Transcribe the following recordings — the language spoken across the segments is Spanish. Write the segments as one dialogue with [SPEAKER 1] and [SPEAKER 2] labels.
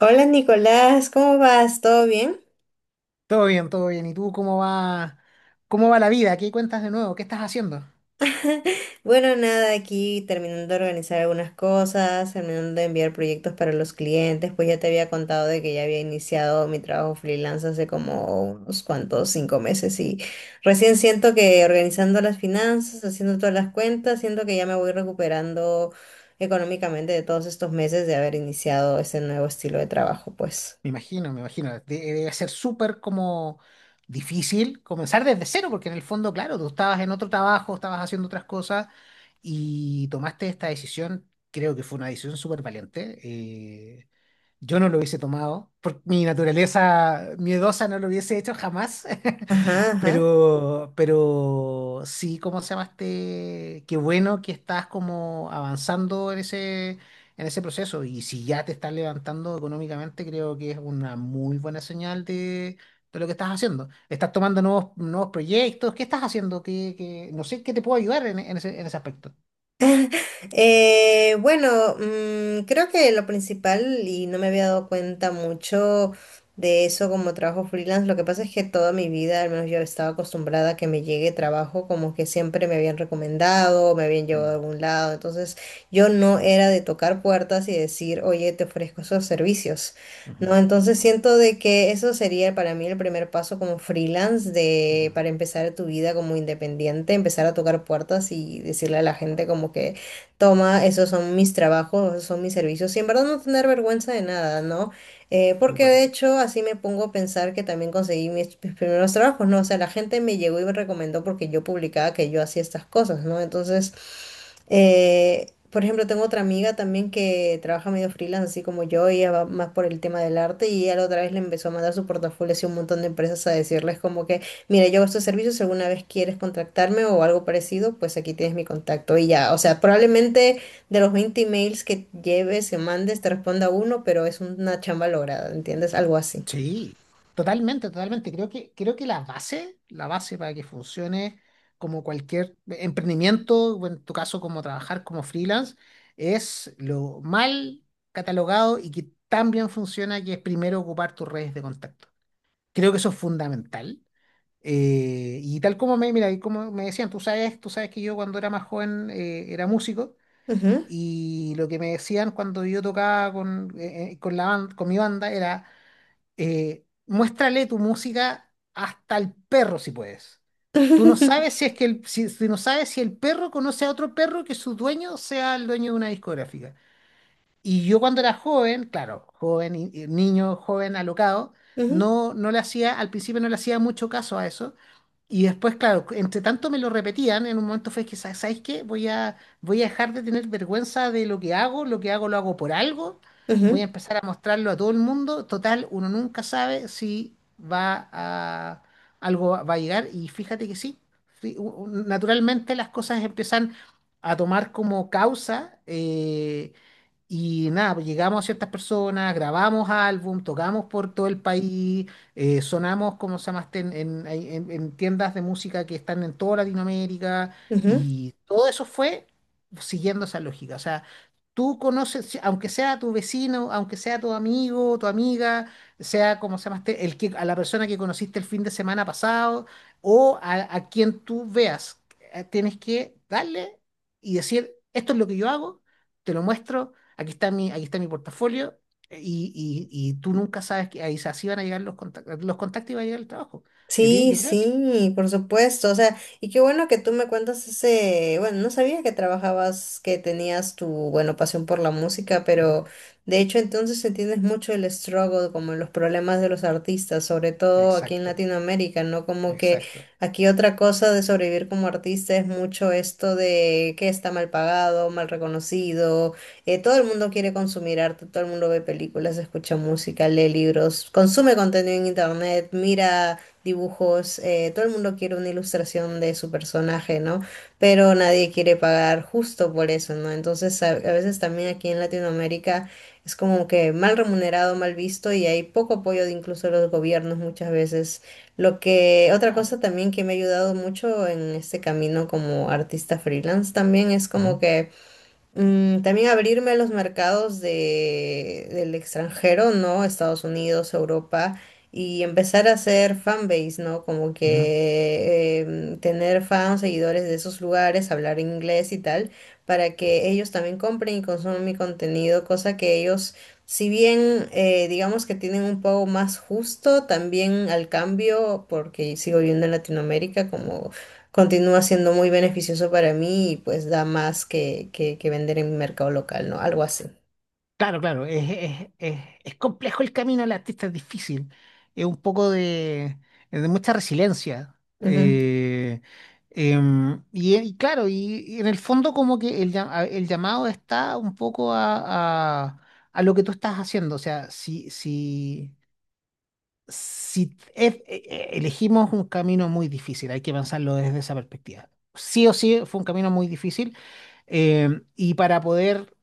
[SPEAKER 1] Hola Nicolás, ¿cómo vas? ¿Todo bien?
[SPEAKER 2] Todo bien, todo bien. ¿Y tú cómo va la vida? ¿Qué cuentas de nuevo? ¿Qué estás haciendo?
[SPEAKER 1] Bueno, nada, aquí terminando de organizar algunas cosas, terminando de enviar proyectos para los clientes, pues ya te había contado de que ya había iniciado mi trabajo freelance hace como unos cuantos, 5 meses y recién siento que organizando las finanzas, haciendo todas las cuentas, siento que ya me voy recuperando económicamente de todos estos meses de haber iniciado ese nuevo estilo de trabajo, pues.
[SPEAKER 2] Me imagino, me imagino. Debe ser súper como difícil comenzar desde cero, porque en el fondo, claro, tú estabas en otro trabajo, estabas haciendo otras cosas y tomaste esta decisión. Creo que fue una decisión súper valiente. Yo no lo hubiese tomado, por mi naturaleza miedosa no lo hubiese hecho jamás.
[SPEAKER 1] Ajá, ajá.
[SPEAKER 2] Pero sí, ¿cómo se llama este? Qué bueno que estás como avanzando en ese proceso. Y si ya te estás levantando económicamente, creo que es una muy buena señal de lo que estás haciendo. ¿Estás tomando nuevos proyectos? ¿Qué estás haciendo? No sé qué te puedo ayudar en ese aspecto.
[SPEAKER 1] Bueno, creo que lo principal, y no me había dado cuenta mucho de eso como trabajo freelance, lo que pasa es que toda mi vida, al menos yo estaba acostumbrada a que me llegue trabajo como que siempre me habían recomendado, me habían llevado a
[SPEAKER 2] Mm.
[SPEAKER 1] algún lado, entonces yo no era de tocar puertas y decir, oye, te ofrezco esos servicios. No,
[SPEAKER 2] Ujú.
[SPEAKER 1] entonces siento de que eso sería para mí el primer paso como freelance de
[SPEAKER 2] Ujú.
[SPEAKER 1] para empezar tu vida como independiente, empezar a tocar puertas y decirle a la gente como que toma, esos son mis trabajos, esos son mis servicios, y en verdad no tener vergüenza de nada, ¿no? Porque
[SPEAKER 2] Súper.
[SPEAKER 1] de hecho así me pongo a pensar que también conseguí mis primeros trabajos, ¿no? O sea, la gente me llegó y me recomendó porque yo publicaba que yo hacía estas cosas, ¿no? Entonces... por ejemplo, tengo otra amiga también que trabaja medio freelance, así como yo, y ella va más por el tema del arte y ella la otra vez le empezó a mandar su portafolio así a un montón de empresas a decirles como que, mira, yo hago estos servicios, si alguna vez quieres contactarme o algo parecido, pues aquí tienes mi contacto y ya, o sea, probablemente de los 20 emails que lleves o mandes te responda uno, pero es una chamba lograda, ¿entiendes? Algo así.
[SPEAKER 2] Sí, totalmente, totalmente. Creo que la base para que funcione como cualquier emprendimiento, o en tu caso como trabajar como freelance, es lo mal catalogado y que tan bien funciona que es primero ocupar tus redes de contacto. Creo que eso es fundamental. Y tal como mira, y como me decían, tú sabes que yo cuando era más joven era músico,
[SPEAKER 1] Ujú.
[SPEAKER 2] y lo que me decían cuando yo tocaba con mi banda era, muéstrale tu música hasta el perro si puedes. Tú no sabes si es que el, si, si no sabes si el perro conoce a otro perro que su dueño sea el dueño de una discográfica. Y yo cuando era joven, claro, joven, y niño, joven, alocado,
[SPEAKER 1] Ujú,
[SPEAKER 2] no, no le hacía, al principio no le hacía mucho caso a eso, y después, claro, entre tanto me lo repetían, en un momento fue que, ¿Sabes qué? Voy a dejar de tener vergüenza de lo que hago. Lo que hago lo hago por algo, voy a
[SPEAKER 1] ujú,
[SPEAKER 2] empezar a mostrarlo a todo el mundo. Total, uno nunca sabe si va a, algo va a llegar", y fíjate que sí, sí. Naturalmente las cosas empiezan a tomar como causa. Y nada, pues llegamos a ciertas personas, grabamos álbum, tocamos por todo el país, sonamos, como se llama, este, ahí en tiendas de música que están en toda Latinoamérica,
[SPEAKER 1] ujú.
[SPEAKER 2] y todo eso fue siguiendo esa lógica. O sea, tú conoces, aunque sea tu vecino, aunque sea tu amigo, tu amiga, sea, como se llama, este, a la persona que conociste el fin de semana pasado o a quien tú veas, tienes que darle y decir, esto es lo que yo hago, te lo muestro, aquí está mi portafolio. Y tú nunca sabes que ahí así van a llegar los contactos, los contactos, y va a llegar el trabajo. Así que
[SPEAKER 1] Sí,
[SPEAKER 2] yo creo que...
[SPEAKER 1] sí, por supuesto. O sea, y qué bueno que tú me cuentas ese, bueno, no sabía que trabajabas, que tenías tu, bueno, pasión por la música, pero
[SPEAKER 2] Ujú.
[SPEAKER 1] de hecho entonces entiendes mucho el struggle, como los problemas de los artistas, sobre todo aquí en
[SPEAKER 2] Exacto,
[SPEAKER 1] Latinoamérica, ¿no? Como que
[SPEAKER 2] exacto.
[SPEAKER 1] aquí otra cosa de sobrevivir como artista es mucho esto de que está mal pagado, mal reconocido, todo el mundo quiere consumir arte, todo el mundo ve películas, escucha música, lee libros, consume contenido en internet, mira dibujos, todo el mundo quiere una ilustración de su personaje, ¿no? Pero nadie quiere pagar justo por eso, ¿no? Entonces a veces también aquí en Latinoamérica es como que mal remunerado, mal visto y hay poco apoyo de incluso los gobiernos muchas veces. Lo que, otra
[SPEAKER 2] Ah,
[SPEAKER 1] cosa también que me ha ayudado mucho en este camino como artista freelance también es como
[SPEAKER 2] ujú.
[SPEAKER 1] que también abrirme a los mercados de, del extranjero, ¿no? Estados Unidos, Europa, y empezar a hacer fanbase, ¿no? Como
[SPEAKER 2] Ujú.
[SPEAKER 1] que tener fans, seguidores de esos lugares, hablar inglés y tal, para que ellos también compren y consuman mi contenido, cosa que ellos, si bien digamos que tienen un pago más justo, también al cambio, porque sigo viviendo en Latinoamérica, como continúa siendo muy beneficioso para mí y pues da más que vender en mi mercado local, ¿no? Algo así.
[SPEAKER 2] Claro, claro, es complejo el camino del artista, es difícil, es un poco de mucha resiliencia.
[SPEAKER 1] Ujú,
[SPEAKER 2] Y claro, y en el fondo como que el llamado está un poco a lo que tú estás haciendo. O sea, si elegimos un camino muy difícil, hay que pensarlo desde esa perspectiva. Sí o sí fue un camino muy difícil. eh, y para poder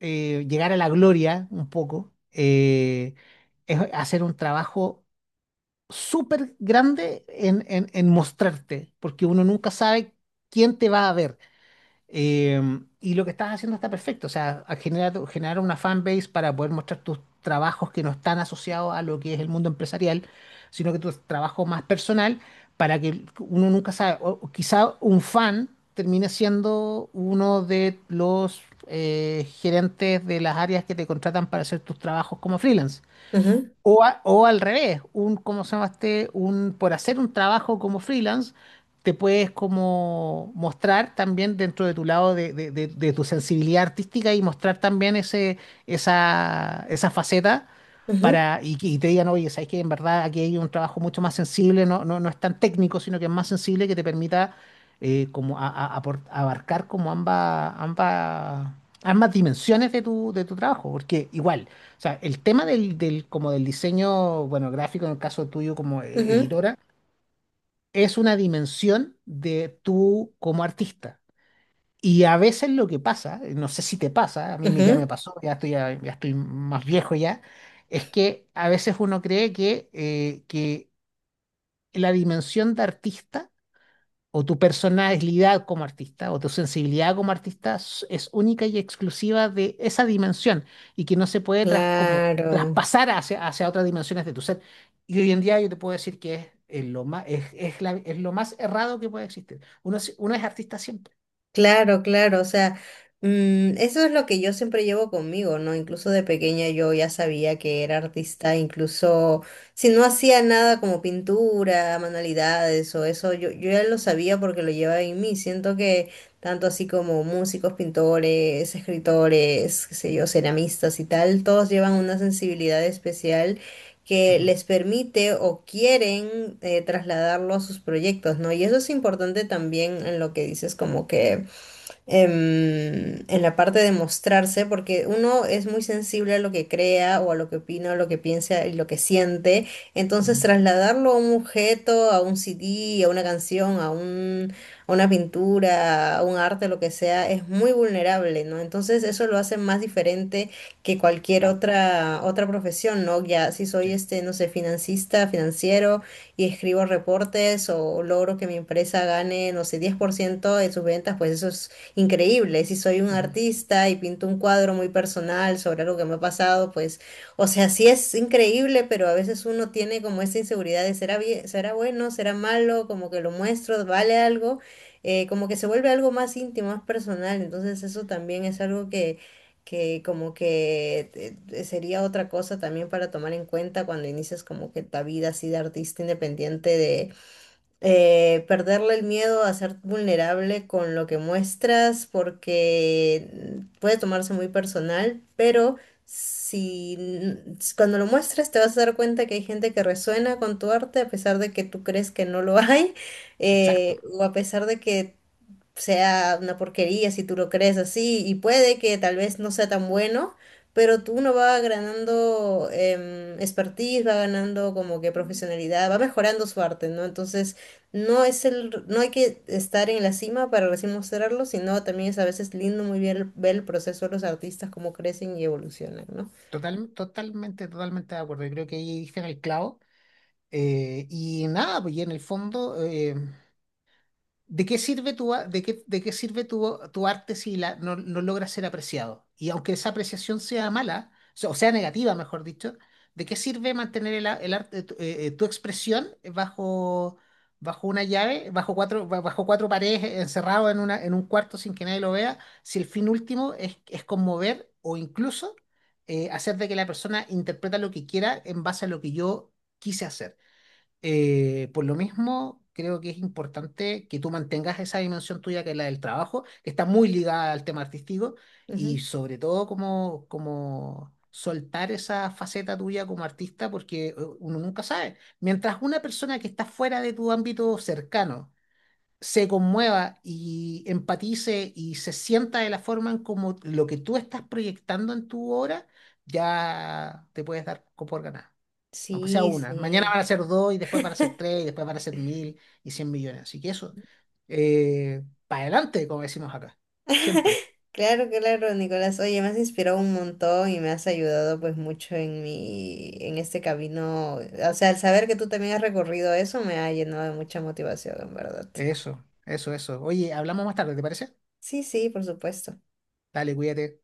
[SPEAKER 2] llegar a la gloria un poco, es hacer un trabajo súper grande en, en mostrarte, porque uno nunca sabe quién te va a ver. Eh, y lo que estás haciendo está perfecto. O sea, a generar una fanbase para poder mostrar tus trabajos que no están asociados a lo que es el mundo empresarial, sino que tu trabajo más personal, para que uno nunca sabe, o quizá un fan termine siendo uno de los gerentes de las áreas que te contratan para hacer tus trabajos como freelance.
[SPEAKER 1] ujú,
[SPEAKER 2] O al revés, ¿cómo se llama este? Por hacer un trabajo como freelance, te puedes como mostrar también dentro de tu lado de tu sensibilidad artística, y mostrar también ese, esa faceta,
[SPEAKER 1] ujú,
[SPEAKER 2] y te digan, oye, sabes que en verdad aquí hay un trabajo mucho más sensible, no, no, no es tan técnico, sino que es más sensible que te permita como a- apor- abarcar como ambas dimensiones de tu trabajo. Porque igual, o sea, el tema del diseño, bueno, gráfico en el caso tuyo como
[SPEAKER 1] ujú,
[SPEAKER 2] editora, es una dimensión de tú como artista. Y a veces lo que pasa, no sé si te pasa, a mí me,
[SPEAKER 1] ujú.
[SPEAKER 2] ya, estoy más viejo ya, es que a veces uno cree que la dimensión de artista o tu personalidad como artista o tu sensibilidad como artista es única y exclusiva de esa dimensión, y que no se puede como
[SPEAKER 1] Claro.
[SPEAKER 2] traspasar hacia, hacia otras dimensiones de tu ser. Y hoy en día yo te puedo decir que es lo más errado que puede existir. Uno, uno es artista siempre.
[SPEAKER 1] Claro, claro, o sea, eso es lo que yo siempre llevo conmigo, ¿no? Incluso de pequeña yo ya sabía que era artista, incluso si no hacía nada como pintura, manualidades o eso, yo ya lo sabía porque lo llevaba en mí. Siento que tanto así como músicos, pintores, escritores, qué sé yo, ceramistas y tal, todos llevan una sensibilidad especial que
[SPEAKER 2] Ujú.
[SPEAKER 1] les permite o quieren trasladarlo a sus proyectos, ¿no? Y eso es importante también en lo que dices, como que en la parte de mostrarse, porque uno es muy sensible a lo que crea o a lo que opina, o lo que piensa y lo que siente. Entonces,
[SPEAKER 2] Ujú.
[SPEAKER 1] trasladarlo a un objeto, a un CD, a una canción, a un, a una pintura, a un arte, lo que sea, es muy vulnerable, ¿no? Entonces, eso lo hace más diferente que cualquier
[SPEAKER 2] Chao.
[SPEAKER 1] otra profesión, ¿no? Ya si soy este, no sé, financista, financiero y escribo reportes o logro que mi empresa gane, no sé, 10% de sus ventas, pues eso es increíble. Si soy un
[SPEAKER 2] Ujú.
[SPEAKER 1] artista y pinto un cuadro muy personal sobre algo que me ha pasado, pues, o sea, sí es increíble, pero a veces uno tiene como esa inseguridad de será bien, será bueno, será malo, como que lo muestro, vale algo, como que se vuelve algo más íntimo, más personal. Entonces eso también es algo que como que sería otra cosa también para tomar en cuenta cuando inicias como que tu vida así de artista independiente de perderle el miedo a ser vulnerable con lo que muestras, porque puede tomarse muy personal, pero si cuando lo muestras te vas a dar cuenta que hay gente que resuena con tu arte a pesar de que tú crees que no lo hay,
[SPEAKER 2] Exacto.
[SPEAKER 1] o a pesar de que sea una porquería si tú lo crees así, y puede que tal vez no sea tan bueno, pero tú uno va ganando expertise, va ganando como que profesionalidad, va mejorando su arte, ¿no? Entonces, no es el, no hay que estar en la cima para recién mostrarlo, sino también es a veces lindo muy bien ver el proceso de los artistas, cómo crecen y evolucionan, ¿no?
[SPEAKER 2] Total, totalmente, totalmente de acuerdo. Yo creo que ahí diste en el clavo. Y nada, pues y en el fondo, ¿De qué sirve tu arte si la, no, no logra ser apreciado? Y aunque esa apreciación sea mala, o sea, negativa, mejor dicho, ¿de qué sirve mantener el arte, tu expresión bajo, bajo una llave, bajo cuatro paredes, encerrado en un cuarto sin que nadie lo vea, si el fin último es conmover o incluso hacer de que la persona interpreta lo que quiera en base a lo que yo quise hacer? Por lo mismo, creo que es importante que tú mantengas esa dimensión tuya, que es la del trabajo, que está muy ligada al tema artístico,
[SPEAKER 1] Ujú.
[SPEAKER 2] y sobre todo como, soltar esa faceta tuya como artista, porque uno nunca sabe. Mientras una persona que está fuera de tu ámbito cercano se conmueva y empatice y se sienta de la forma en como lo que tú estás proyectando en tu obra, ya te puedes dar por ganado aunque sea
[SPEAKER 1] Sí,
[SPEAKER 2] una. Mañana
[SPEAKER 1] sí.
[SPEAKER 2] van a ser dos y después van a ser tres y después van a ser 1000 y 100 millones. Así que eso, para adelante, como decimos acá, siempre.
[SPEAKER 1] Claro, claro, Nicolás. Oye, me has inspirado un montón y me has ayudado pues mucho en mi, en este camino. O sea, al saber que tú también has recorrido eso me ha llenado de mucha motivación, en verdad.
[SPEAKER 2] Eso, eso, eso. Oye, hablamos más tarde, ¿te parece?
[SPEAKER 1] Sí, sí, por supuesto.
[SPEAKER 2] Dale, cuídate.